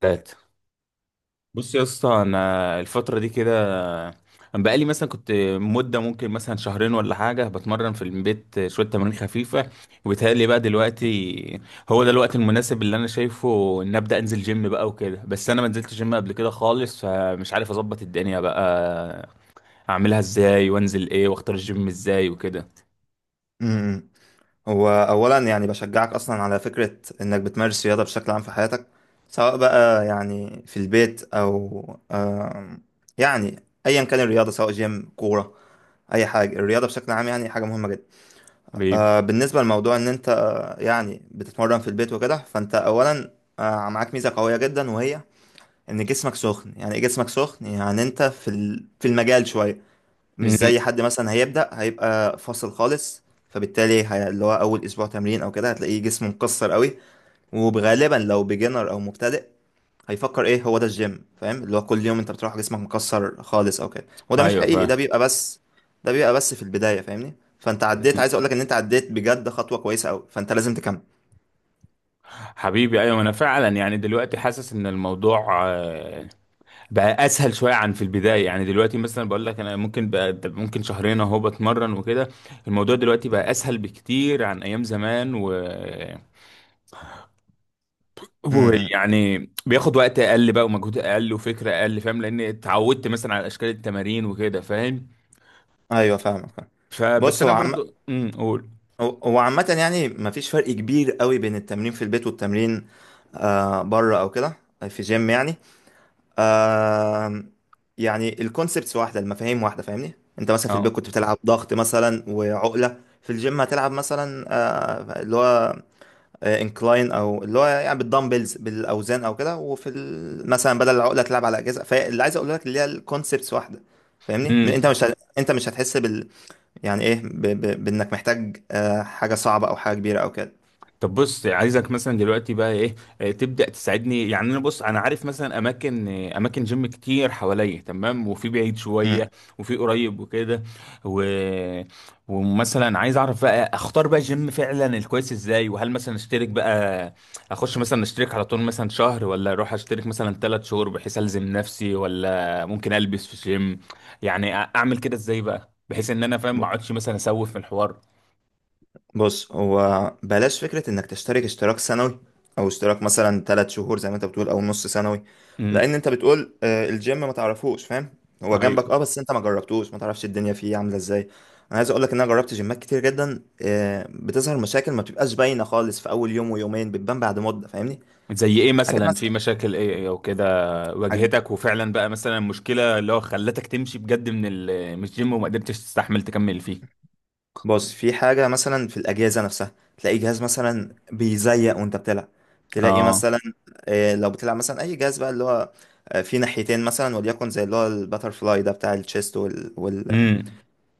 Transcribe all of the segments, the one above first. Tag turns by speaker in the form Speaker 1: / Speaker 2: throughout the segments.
Speaker 1: تلاتة. بص يا اسطى، انا الفتره دي كده. انا بقالي مثلا كنت مده ممكن مثلا شهرين ولا حاجه بتمرن في البيت شويه تمارين خفيفه. وبيتهيألي بقى دلوقتي هو ده الوقت المناسب اللي انا شايفه ان ابدا انزل جيم بقى وكده. بس انا ما نزلتش جيم قبل كده خالص، فمش عارف اظبط الدنيا بقى اعملها ازاي وانزل ايه واختار الجيم ازاي وكده.
Speaker 2: امم هو اولا، يعني بشجعك اصلا على فكره انك بتمارس رياضه بشكل عام في حياتك، سواء بقى يعني في البيت او آم، يعني، ايا كان الرياضه، سواء جيم، كوره، اي حاجه. الرياضه بشكل عام يعني حاجه مهمه جدا.
Speaker 1: حبيبي.
Speaker 2: بالنسبه لموضوع ان انت يعني بتتمرن في البيت وكده، فانت اولا معاك ميزه قويه جدا، وهي ان جسمك سخن. يعني إيه جسمك سخن؟ يعني انت في في المجال شويه، مش
Speaker 1: مم.
Speaker 2: زي حد مثلا هيبدأ هيبقى فاصل خالص. فبالتالي اللي هو أول أسبوع تمرين أو كده هتلاقيه جسمه مكسر قوي، وغالبا لو بيجنر أو مبتدئ هيفكر، إيه هو ده الجيم؟ فاهم؟ اللي هو كل يوم أنت بتروح جسمك مكسر خالص أو كده، وده مش
Speaker 1: ايوه،
Speaker 2: حقيقي،
Speaker 1: فاهم.
Speaker 2: ده بيبقى بس، ده بيبقى بس في البداية، فاهمني؟ فأنت عديت، عايز
Speaker 1: مم.
Speaker 2: أقولك إن أنت عديت بجد خطوة كويسة أوي، فأنت لازم تكمل.
Speaker 1: حبيبي، ايوه انا فعلا يعني دلوقتي حاسس ان الموضوع بقى اسهل شويه عن في البدايه. يعني دلوقتي مثلا بقول لك انا ممكن بقى ممكن شهرين اهو بتمرن وكده. الموضوع دلوقتي بقى اسهل بكتير عن ايام زمان و
Speaker 2: امم
Speaker 1: ويعني بياخد وقت اقل بقى ومجهود اقل وفكره اقل، فاهم؟ لان اتعودت مثلا على اشكال التمارين وكده، فاهم.
Speaker 2: ايوه، فاهمك فاهم.
Speaker 1: فبس
Speaker 2: بص،
Speaker 1: انا برضو، قول.
Speaker 2: هو عامة يعني مفيش فرق كبير قوي بين التمرين في البيت والتمرين بره او كده، في جيم يعني. آم، يعني الكونسبتس واحده، المفاهيم واحده، فاهمني؟ انت مثلا في
Speaker 1: اه.
Speaker 2: البيت كنت بتلعب ضغط مثلا وعقله، في الجيم هتلعب مثلا اللي هو انكلاين، او اللي هو يعني بالدمبلز بالاوزان او كده، وفي مثلا بدل العقله تلعب على اجهزه. فاللي عايز اقول لك اللي هي الكونسبتس واحده، فاهمني؟ انت
Speaker 1: امم.
Speaker 2: مش انت مش هتحس بال، يعني ايه، بانك محتاج حاجه صعبه او حاجه كبيره او كده.
Speaker 1: طب بص، عايزك مثلا دلوقتي بقى ايه. تبدأ تساعدني. يعني انا بص، انا عارف مثلا اماكن، جيم كتير حواليا، تمام؟ وفي بعيد شوية
Speaker 2: مم.
Speaker 1: وفي قريب وكده، و... ومثلا عايز اعرف بقى اختار بقى جيم فعلا الكويس ازاي، وهل مثلا اشترك بقى اخش مثلا اشترك على طول مثلا شهر، ولا اروح اشترك مثلا 3 شهور بحيث الزم نفسي، ولا ممكن البس في جيم. يعني اعمل كده ازاي بقى بحيث ان انا فاهم ما اقعدش مثلا اسوف في الحوار.
Speaker 2: بص، هو بلاش فكرة انك تشترك اشتراك سنوي، او اشتراك مثلا 3 شهور زي ما انت بتقول، او نص سنوي.
Speaker 1: امم.
Speaker 2: لان انت بتقول الجيم ما تعرفوش، فاهم؟ هو جنبك
Speaker 1: ايوه.
Speaker 2: اه، بس انت ما جربتوش، ما تعرفش الدنيا فيه عاملة ازاي. انا عايز اقولك ان انا جربت جيمات كتير جدا، بتظهر مشاكل ما بتبقاش باينة خالص في اول يوم ويومين، بتبان بعد مدة، فاهمني؟
Speaker 1: زي ايه
Speaker 2: حاجات
Speaker 1: مثلا؟ في
Speaker 2: مثلا،
Speaker 1: مشاكل ايه، إيه، او كده واجهتك وفعلا بقى مثلا مشكلة اللي هو خلتك تمشي بجد من الجيم وما قدرتش تستحمل تكمل فيه؟
Speaker 2: بص في حاجة مثلا في الأجهزة نفسها، تلاقي جهاز مثلا بيزيق وأنت بتلعب، تلاقي
Speaker 1: اه.
Speaker 2: مثلا، لو بتلعب مثلا أي جهاز بقى اللي هو فيه ناحيتين مثلا، وليكن زي اللي هو الباتر فلاي ده بتاع التشيست،
Speaker 1: امم.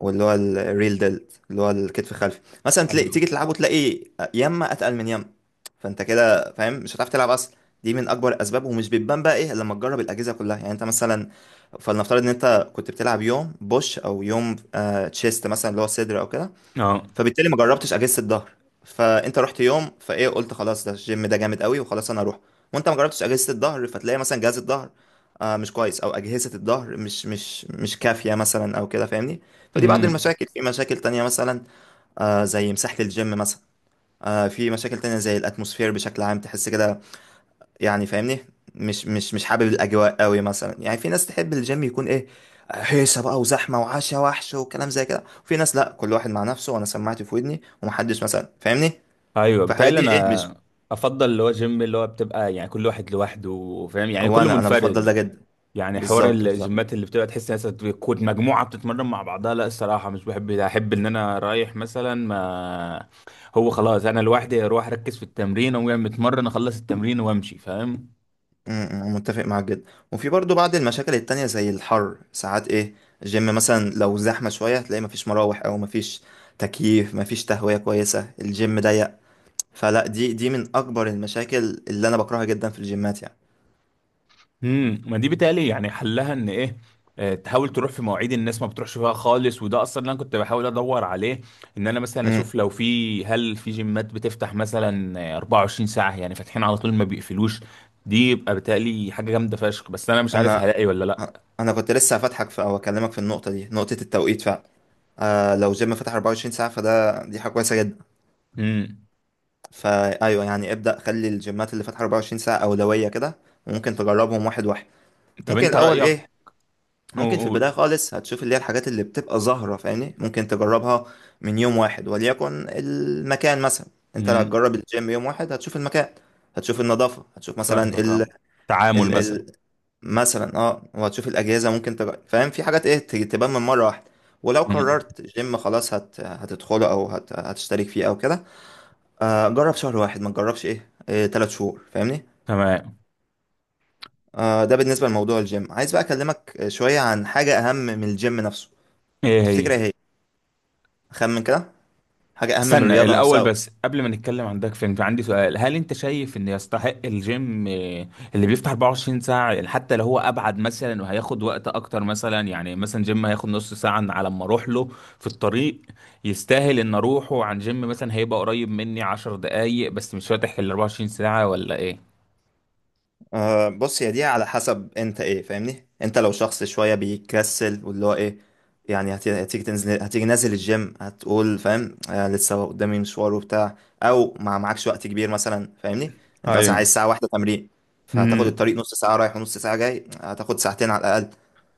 Speaker 2: واللي هو الريل ديلت، اللي هو الكتف الخلفي، مثلا تلاقي
Speaker 1: ايوه.
Speaker 2: تيجي تلعبه تلاقي يما أتقل من يما، فأنت كده فاهم مش هتعرف تلعب أصلا. دي من أكبر الأسباب، ومش بتبان بقى إيه إلا لما تجرب الأجهزة كلها. يعني أنت مثلا، فلنفترض إن أنت كنت بتلعب يوم بوش أو يوم تشيست مثلا، اللي هو صدر أو كده،
Speaker 1: اه.
Speaker 2: فبالتالي ما جربتش اجهزه الظهر، فانت رحت يوم فايه قلت خلاص ده الجيم، ده جامد قوي، وخلاص انا اروح، وانت ما جربتش اجهزه الظهر، فتلاقي مثلا جهاز الظهر مش كويس، او اجهزه الظهر مش كافيه مثلا او كده، فاهمني؟ فدي بعض
Speaker 1: امم.
Speaker 2: المشاكل، في مشاكل تانية مثلا زي مساحه الجيم مثلا، في مشاكل تانية زي الاتموسفير بشكل عام، تحس كده يعني، فاهمني؟ مش حابب الاجواء قوي مثلا. يعني في ناس تحب الجيم يكون ايه، هيصه بقى وزحمه وعشا وحش وكلام زي كده، وفي ناس لا، كل واحد مع نفسه، وانا سماعتي في ودني ومحدش مثلا، فاهمني؟
Speaker 1: ايوه،
Speaker 2: فالحاجات
Speaker 1: بتهيألي
Speaker 2: دي ايه مش،
Speaker 1: انا افضل اللي هو جيم اللي هو بتبقى يعني كل واحد لوحده، فاهم؟ يعني كله
Speaker 2: وانا انا بفضل
Speaker 1: منفرد.
Speaker 2: ده جدا.
Speaker 1: يعني حوار
Speaker 2: بالظبط بالظبط.
Speaker 1: الجيمات اللي بتبقى تحس ناس بتكون مجموعة بتتمرن مع بعضها، لا الصراحة مش بحب ده. أحب إن أنا رايح مثلا، ما هو خلاص أنا لوحدي أروح أركز في التمرين، أقوم جاي متمرن أخلص التمرين وأمشي، فاهم؟
Speaker 2: متفق معاك جدا. وفي برضو بعض المشاكل التانية زي الحر، ساعات ايه الجيم مثلا لو زحمه شويه، تلاقي مفيش مراوح، او مفيش تكييف، مفيش تهويه كويسه، الجيم ضيق. فلا دي دي من اكبر المشاكل اللي انا بكرهها جدا في الجيمات يعني.
Speaker 1: امم، ما دي بتهيألي يعني حلها إن إيه، تحاول تروح في مواعيد الناس ما بتروحش فيها خالص، وده اصلا اللي انا كنت بحاول ادور عليه. ان انا مثلا
Speaker 2: امم
Speaker 1: اشوف لو في هل في جيمات بتفتح مثلا، 24 ساعه يعني، فاتحين على طول ما بيقفلوش. دي يبقى بتهيألي حاجه جامده فشخ، بس انا مش عارف
Speaker 2: انا
Speaker 1: هلاقي ولا لا.
Speaker 2: انا كنت لسه هفتحك في او اكلمك في النقطه دي، نقطه التوقيت فعلا. لو جيم فتح 24 ساعه، فده دي حاجه كويسه جدا.
Speaker 1: امم.
Speaker 2: فايوه يعني، ابدا خلي الجيمات اللي فاتحه 24 ساعه اولويه كده، وممكن تجربهم واحد واحد.
Speaker 1: طب
Speaker 2: ممكن
Speaker 1: انت
Speaker 2: الاول
Speaker 1: رأيك؟
Speaker 2: ايه،
Speaker 1: قول،
Speaker 2: ممكن في
Speaker 1: قول.
Speaker 2: البدايه خالص هتشوف اللي هي الحاجات اللي بتبقى ظاهره، فاهمني؟ ممكن تجربها من يوم واحد، وليكن المكان مثلا، انت لو
Speaker 1: امم.
Speaker 2: هتجرب الجيم يوم واحد هتشوف المكان، هتشوف النظافه، هتشوف مثلا،
Speaker 1: فاهمك، اه. تعامل مثلا.
Speaker 2: مثلا اه، وهتشوف الاجهزه، ممكن فاهم؟ في حاجات ايه تبان من مره واحده. ولو
Speaker 1: امم.
Speaker 2: قررت جيم خلاص هتدخله، او هتشترك فيه او كده، جرب شهر واحد، ما تجربش ايه 3 شهور، فاهمني؟
Speaker 1: تمام.
Speaker 2: ده بالنسبه لموضوع الجيم. عايز بقى اكلمك شويه عن حاجه اهم من الجيم نفسه.
Speaker 1: ايه
Speaker 2: تفتكر
Speaker 1: هي؟
Speaker 2: ايه هي إيه؟ خمن كده، حاجه اهم من
Speaker 1: استنى
Speaker 2: الرياضه
Speaker 1: الاول
Speaker 2: نفسها.
Speaker 1: بس، قبل ما نتكلم عن داك، فين عندي سؤال. هل انت شايف ان يستحق الجيم، اللي بيفتح 24 ساعة، يعني حتى لو هو ابعد مثلا وهياخد وقت اكتر؟ مثلا يعني مثلا جيم هياخد نص ساعة على ما اروح له في الطريق، يستاهل ان اروحه عن جيم مثلا هيبقى قريب مني 10 دقايق بس مش فاتح ال 24 ساعة، ولا ايه؟
Speaker 2: بص، هي دي على حسب انت ايه، فاهمني؟ انت لو شخص شويه بيكسل، واللي هو ايه، يعني هتيجي تنزل، هتيجي نازل الجيم هتقول فاهم لسه قدامي مشوار وبتاع، او ما معكش وقت كبير مثلا، فاهمني؟ انت مثلا
Speaker 1: ايوه.
Speaker 2: عايز ساعه واحده تمرين، فهتاخد الطريق
Speaker 1: امم.
Speaker 2: نص ساعه رايح ونص ساعه جاي، هتاخد ساعتين على الاقل.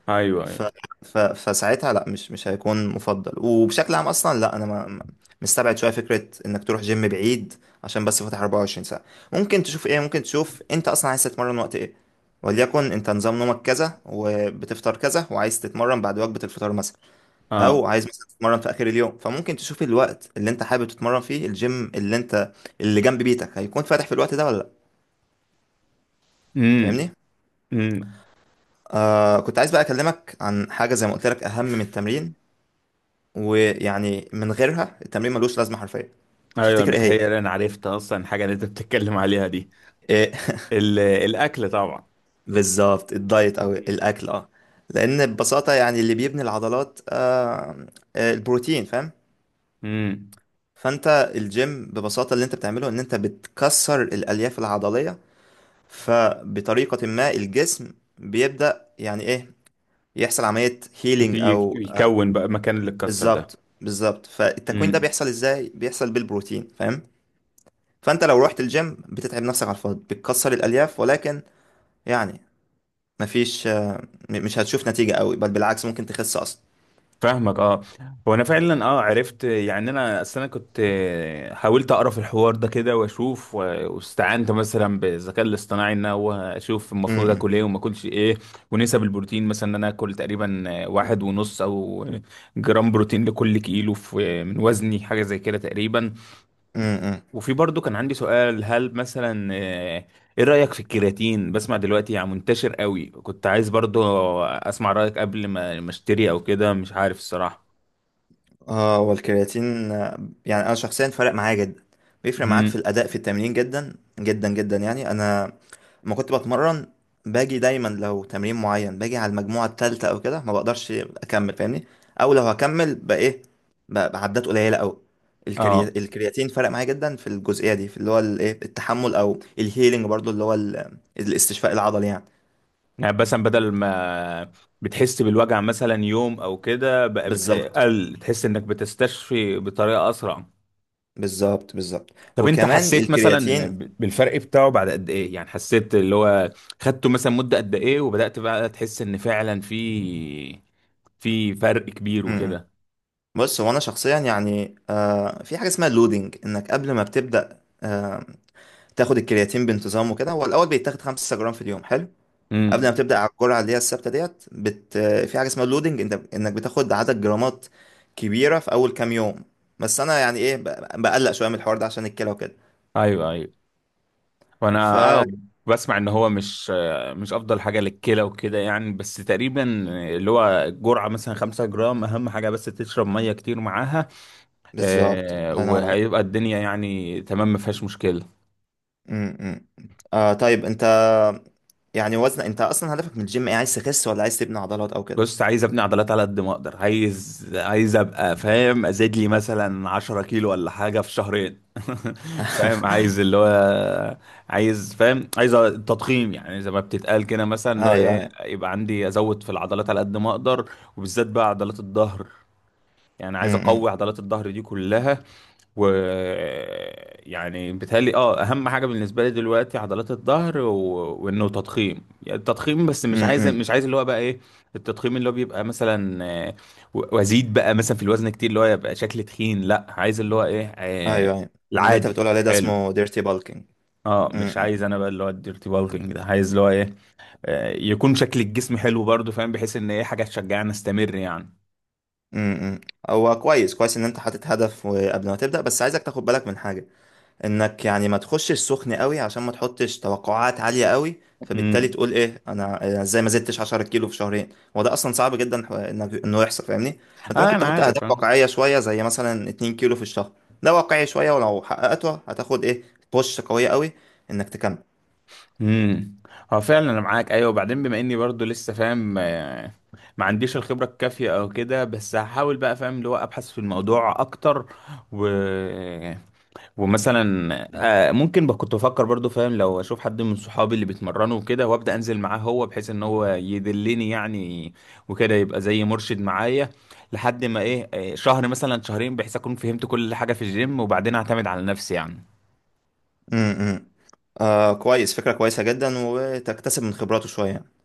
Speaker 1: ايوه،
Speaker 2: ف...
Speaker 1: ايوه.
Speaker 2: فساعتها لا، مش هيكون مفضل. وبشكل عام اصلا لا، انا مستبعد شويه فكره انك تروح جيم بعيد عشان بس فاتح 24 ساعه. ممكن تشوف ايه، ممكن تشوف انت اصلا عايز تتمرن وقت ايه، وليكن انت نظام نومك كذا وبتفطر كذا وعايز تتمرن بعد وجبه الفطار مثلا،
Speaker 1: اه.
Speaker 2: او عايز مثلا تتمرن في اخر اليوم، فممكن تشوف الوقت اللي انت حابب تتمرن فيه، الجيم اللي انت اللي جنب بيتك هيكون فاتح في الوقت ده ولا لا،
Speaker 1: امم.
Speaker 2: فاهمني؟
Speaker 1: امم.
Speaker 2: كنت عايز بقى اكلمك عن حاجه زي ما قلت لك اهم من التمرين، ويعني من غيرها التمرين ملوش لازمه حرفيا.
Speaker 1: ايوه،
Speaker 2: تفتكر ايه هي
Speaker 1: بتهيألي انا عرفت اصلا الحاجه اللي انت بتتكلم عليها دي.
Speaker 2: إيه؟
Speaker 1: الاكل طبعا.
Speaker 2: بالظبط، الدايت او
Speaker 1: امم.
Speaker 2: الاكل اه. لان ببساطه يعني اللي بيبني العضلات البروتين، فاهم؟
Speaker 1: امم.
Speaker 2: فانت الجيم ببساطه اللي انت بتعمله ان انت بتكسر الالياف العضليه، فبطريقه ما الجسم بيبدا يعني ايه، يحصل عمليه هيلينج او
Speaker 1: بيكون بقى مكان اللي اتكسر ده.
Speaker 2: بالظبط بالظبط. فالتكوين ده
Speaker 1: امم.
Speaker 2: بيحصل ازاي؟ بيحصل بالبروتين، فاهم؟ فانت لو رحت الجيم بتتعب نفسك على الفاضي، بتكسر الالياف ولكن يعني مفيش مش هتشوف نتيجة قوي، بل بالعكس ممكن تخس اصلا.
Speaker 1: فاهمك، اه. هو انا فعلا اه عرفت، يعني انا اصل انا كنت، حاولت اقرا في الحوار ده كده واشوف، واستعنت مثلا بالذكاء الاصطناعي ان هو اشوف المفروض اكل ايه وما اكلش ايه. ونسب البروتين مثلا ان انا اكل تقريبا، 1.5 او جرام بروتين لكل كيلو في من وزني، حاجه زي كده تقريبا.
Speaker 2: امم
Speaker 1: وفي برضو كان عندي سؤال، هل مثلا، ايه رايك في الكرياتين؟ بسمع دلوقتي يعني منتشر قوي، كنت عايز برضو اسمع رايك قبل ما اشتري او كده، مش عارف الصراحه.
Speaker 2: اه، والكرياتين يعني انا شخصيا فرق معايا جدا. بيفرق معاك في
Speaker 1: مهم.
Speaker 2: الاداء في التمرين جدا جدا جدا. يعني انا لما كنت بتمرن باجي دايما، لو تمرين معين باجي على المجموعه الثالثه او كده ما بقدرش اكمل، فاهمني؟ او لو هكمل بقى ايه بقى بعدات قليله قوي.
Speaker 1: اه.
Speaker 2: الكرياتين فرق معايا جدا في الجزئيه دي، في اللي هو الايه التحمل، او الهيلينج برضو اللي هو الاستشفاء العضلي يعني.
Speaker 1: يعني مثلا بدل ما بتحس بالوجع مثلا يوم او كده بقى
Speaker 2: بالظبط
Speaker 1: قل، بتحس انك بتستشفي بطريقه اسرع.
Speaker 2: بالظبط بالظبط.
Speaker 1: طب انت
Speaker 2: وكمان
Speaker 1: حسيت مثلا
Speaker 2: الكرياتين.
Speaker 1: بالفرق بتاعه بعد قد ايه؟ يعني حسيت اللي هو خدته مثلا مده قد ايه وبدات بقى تحس ان فعلا في فرق كبير
Speaker 2: م- م.
Speaker 1: وكده؟
Speaker 2: بص، هو انا شخصيا يعني في حاجه اسمها اللودنج، انك قبل ما بتبدا تاخد الكرياتين بانتظام وكده، هو الاول بيتاخد 5 جرام في اليوم حلو، قبل ما
Speaker 1: امم.
Speaker 2: بتبدا على الجرعه اللي هي الثابته. ديت بت في حاجه اسمها اللودنج، انت انك بتاخد عدد جرامات كبيره في اول كام يوم. بس انا يعني ايه بقلق شويه من الحوار ده عشان الكلى وكده.
Speaker 1: ايوه، ايوه.
Speaker 2: ف
Speaker 1: وانا اه بسمع ان هو مش افضل حاجه للكلى وكده يعني. بس تقريبا اللي هو جرعه مثلا 5 جرام اهم حاجه، بس تشرب ميه كتير معاها،
Speaker 2: بالظبط، الله ينور عليك.
Speaker 1: وهيبقى الدنيا يعني تمام ما فيهاش مشكله.
Speaker 2: م- م. طيب انت، يعني وزن، انت اصلا هدفك من الجيم ايه، عايز تخس ولا عايز تبني عضلات او كده؟
Speaker 1: بص، عايز ابني عضلات على قد ما اقدر. عايز، ابقى فاهم، ازيد لي مثلا 10 كيلو ولا حاجه في شهرين. فاهم؟ عايز اللي هو، عايز، فاهم، عايز تضخيم، يعني زي ما بتتقال كده مثلا، اللي
Speaker 2: ايوه
Speaker 1: هو ايه،
Speaker 2: ايوه.
Speaker 1: يبقى عندي ازود في العضلات على قد ما اقدر، وبالذات بقى عضلات الظهر. يعني
Speaker 2: م-
Speaker 1: عايز اقوي
Speaker 2: م.
Speaker 1: عضلات الظهر دي كلها. و يعني بيتهيألي اه اهم حاجه بالنسبه لي دلوقتي عضلات الظهر، وانه تضخيم. يعني التضخيم، بس
Speaker 2: م-
Speaker 1: مش عايز
Speaker 2: م.
Speaker 1: مش عايز اللي هو بقى ايه، التضخيم اللي هو بيبقى مثلا، وازيد بقى مثلا في الوزن كتير اللي هو يبقى شكل تخين. لا، عايز اللي هو ايه،
Speaker 2: ايوه ايوه. اللي انت
Speaker 1: العادي،
Speaker 2: بتقول عليه ده
Speaker 1: حلو.
Speaker 2: اسمه ديرتي بالكينج.
Speaker 1: اه، مش عايز انا بقى اللي هو الديرتي بالكينج ده. عايز اللي هو ايه، يكون شكل الجسم حلو برضه، فاهم؟ بحيث ان ايه، حاجه تشجعني استمر يعني.
Speaker 2: امم هو كويس كويس ان انت حاطط هدف قبل ما تبدا، بس عايزك تاخد بالك من حاجه، انك يعني ما تخشش سخن قوي، عشان ما تحطش توقعات عاليه قوي، فبالتالي
Speaker 1: امم.
Speaker 2: تقول ايه، انا أنا ازاي ما زدتش 10 كيلو في شهرين. هو ده اصلا صعب جدا، انك انه يحصل، فاهمني؟ فانت
Speaker 1: اه،
Speaker 2: ممكن
Speaker 1: انا
Speaker 2: تحط
Speaker 1: عارف.
Speaker 2: اهداف
Speaker 1: آه.
Speaker 2: واقعيه شويه، زي مثلا 2 كيلو في الشهر. ده واقعي شويه، ولو حققته هتاخد ايه بوش قويه قوي انك تكمل.
Speaker 1: امم. هو فعلا انا معاك، ايوه. وبعدين بما اني برضو لسه فاهم، ما عنديش الخبره الكافيه او كده، بس هحاول بقى، فاهم، اللي هو ابحث في الموضوع اكتر، و... ومثلا، ممكن بقى كنت بفكر برضو، فاهم، لو اشوف حد من صحابي اللي بيتمرنوا وكده وابدا انزل معاه هو، بحيث ان هو يدلني يعني، وكده يبقى زي مرشد معايا لحد ما ايه، شهر مثلا شهرين، بحيث اكون فهمت كل حاجه في الجيم وبعدين اعتمد على نفسي يعني.
Speaker 2: امم كويس، فكرة كويسة جدا، وتكتسب من خبراته شوية.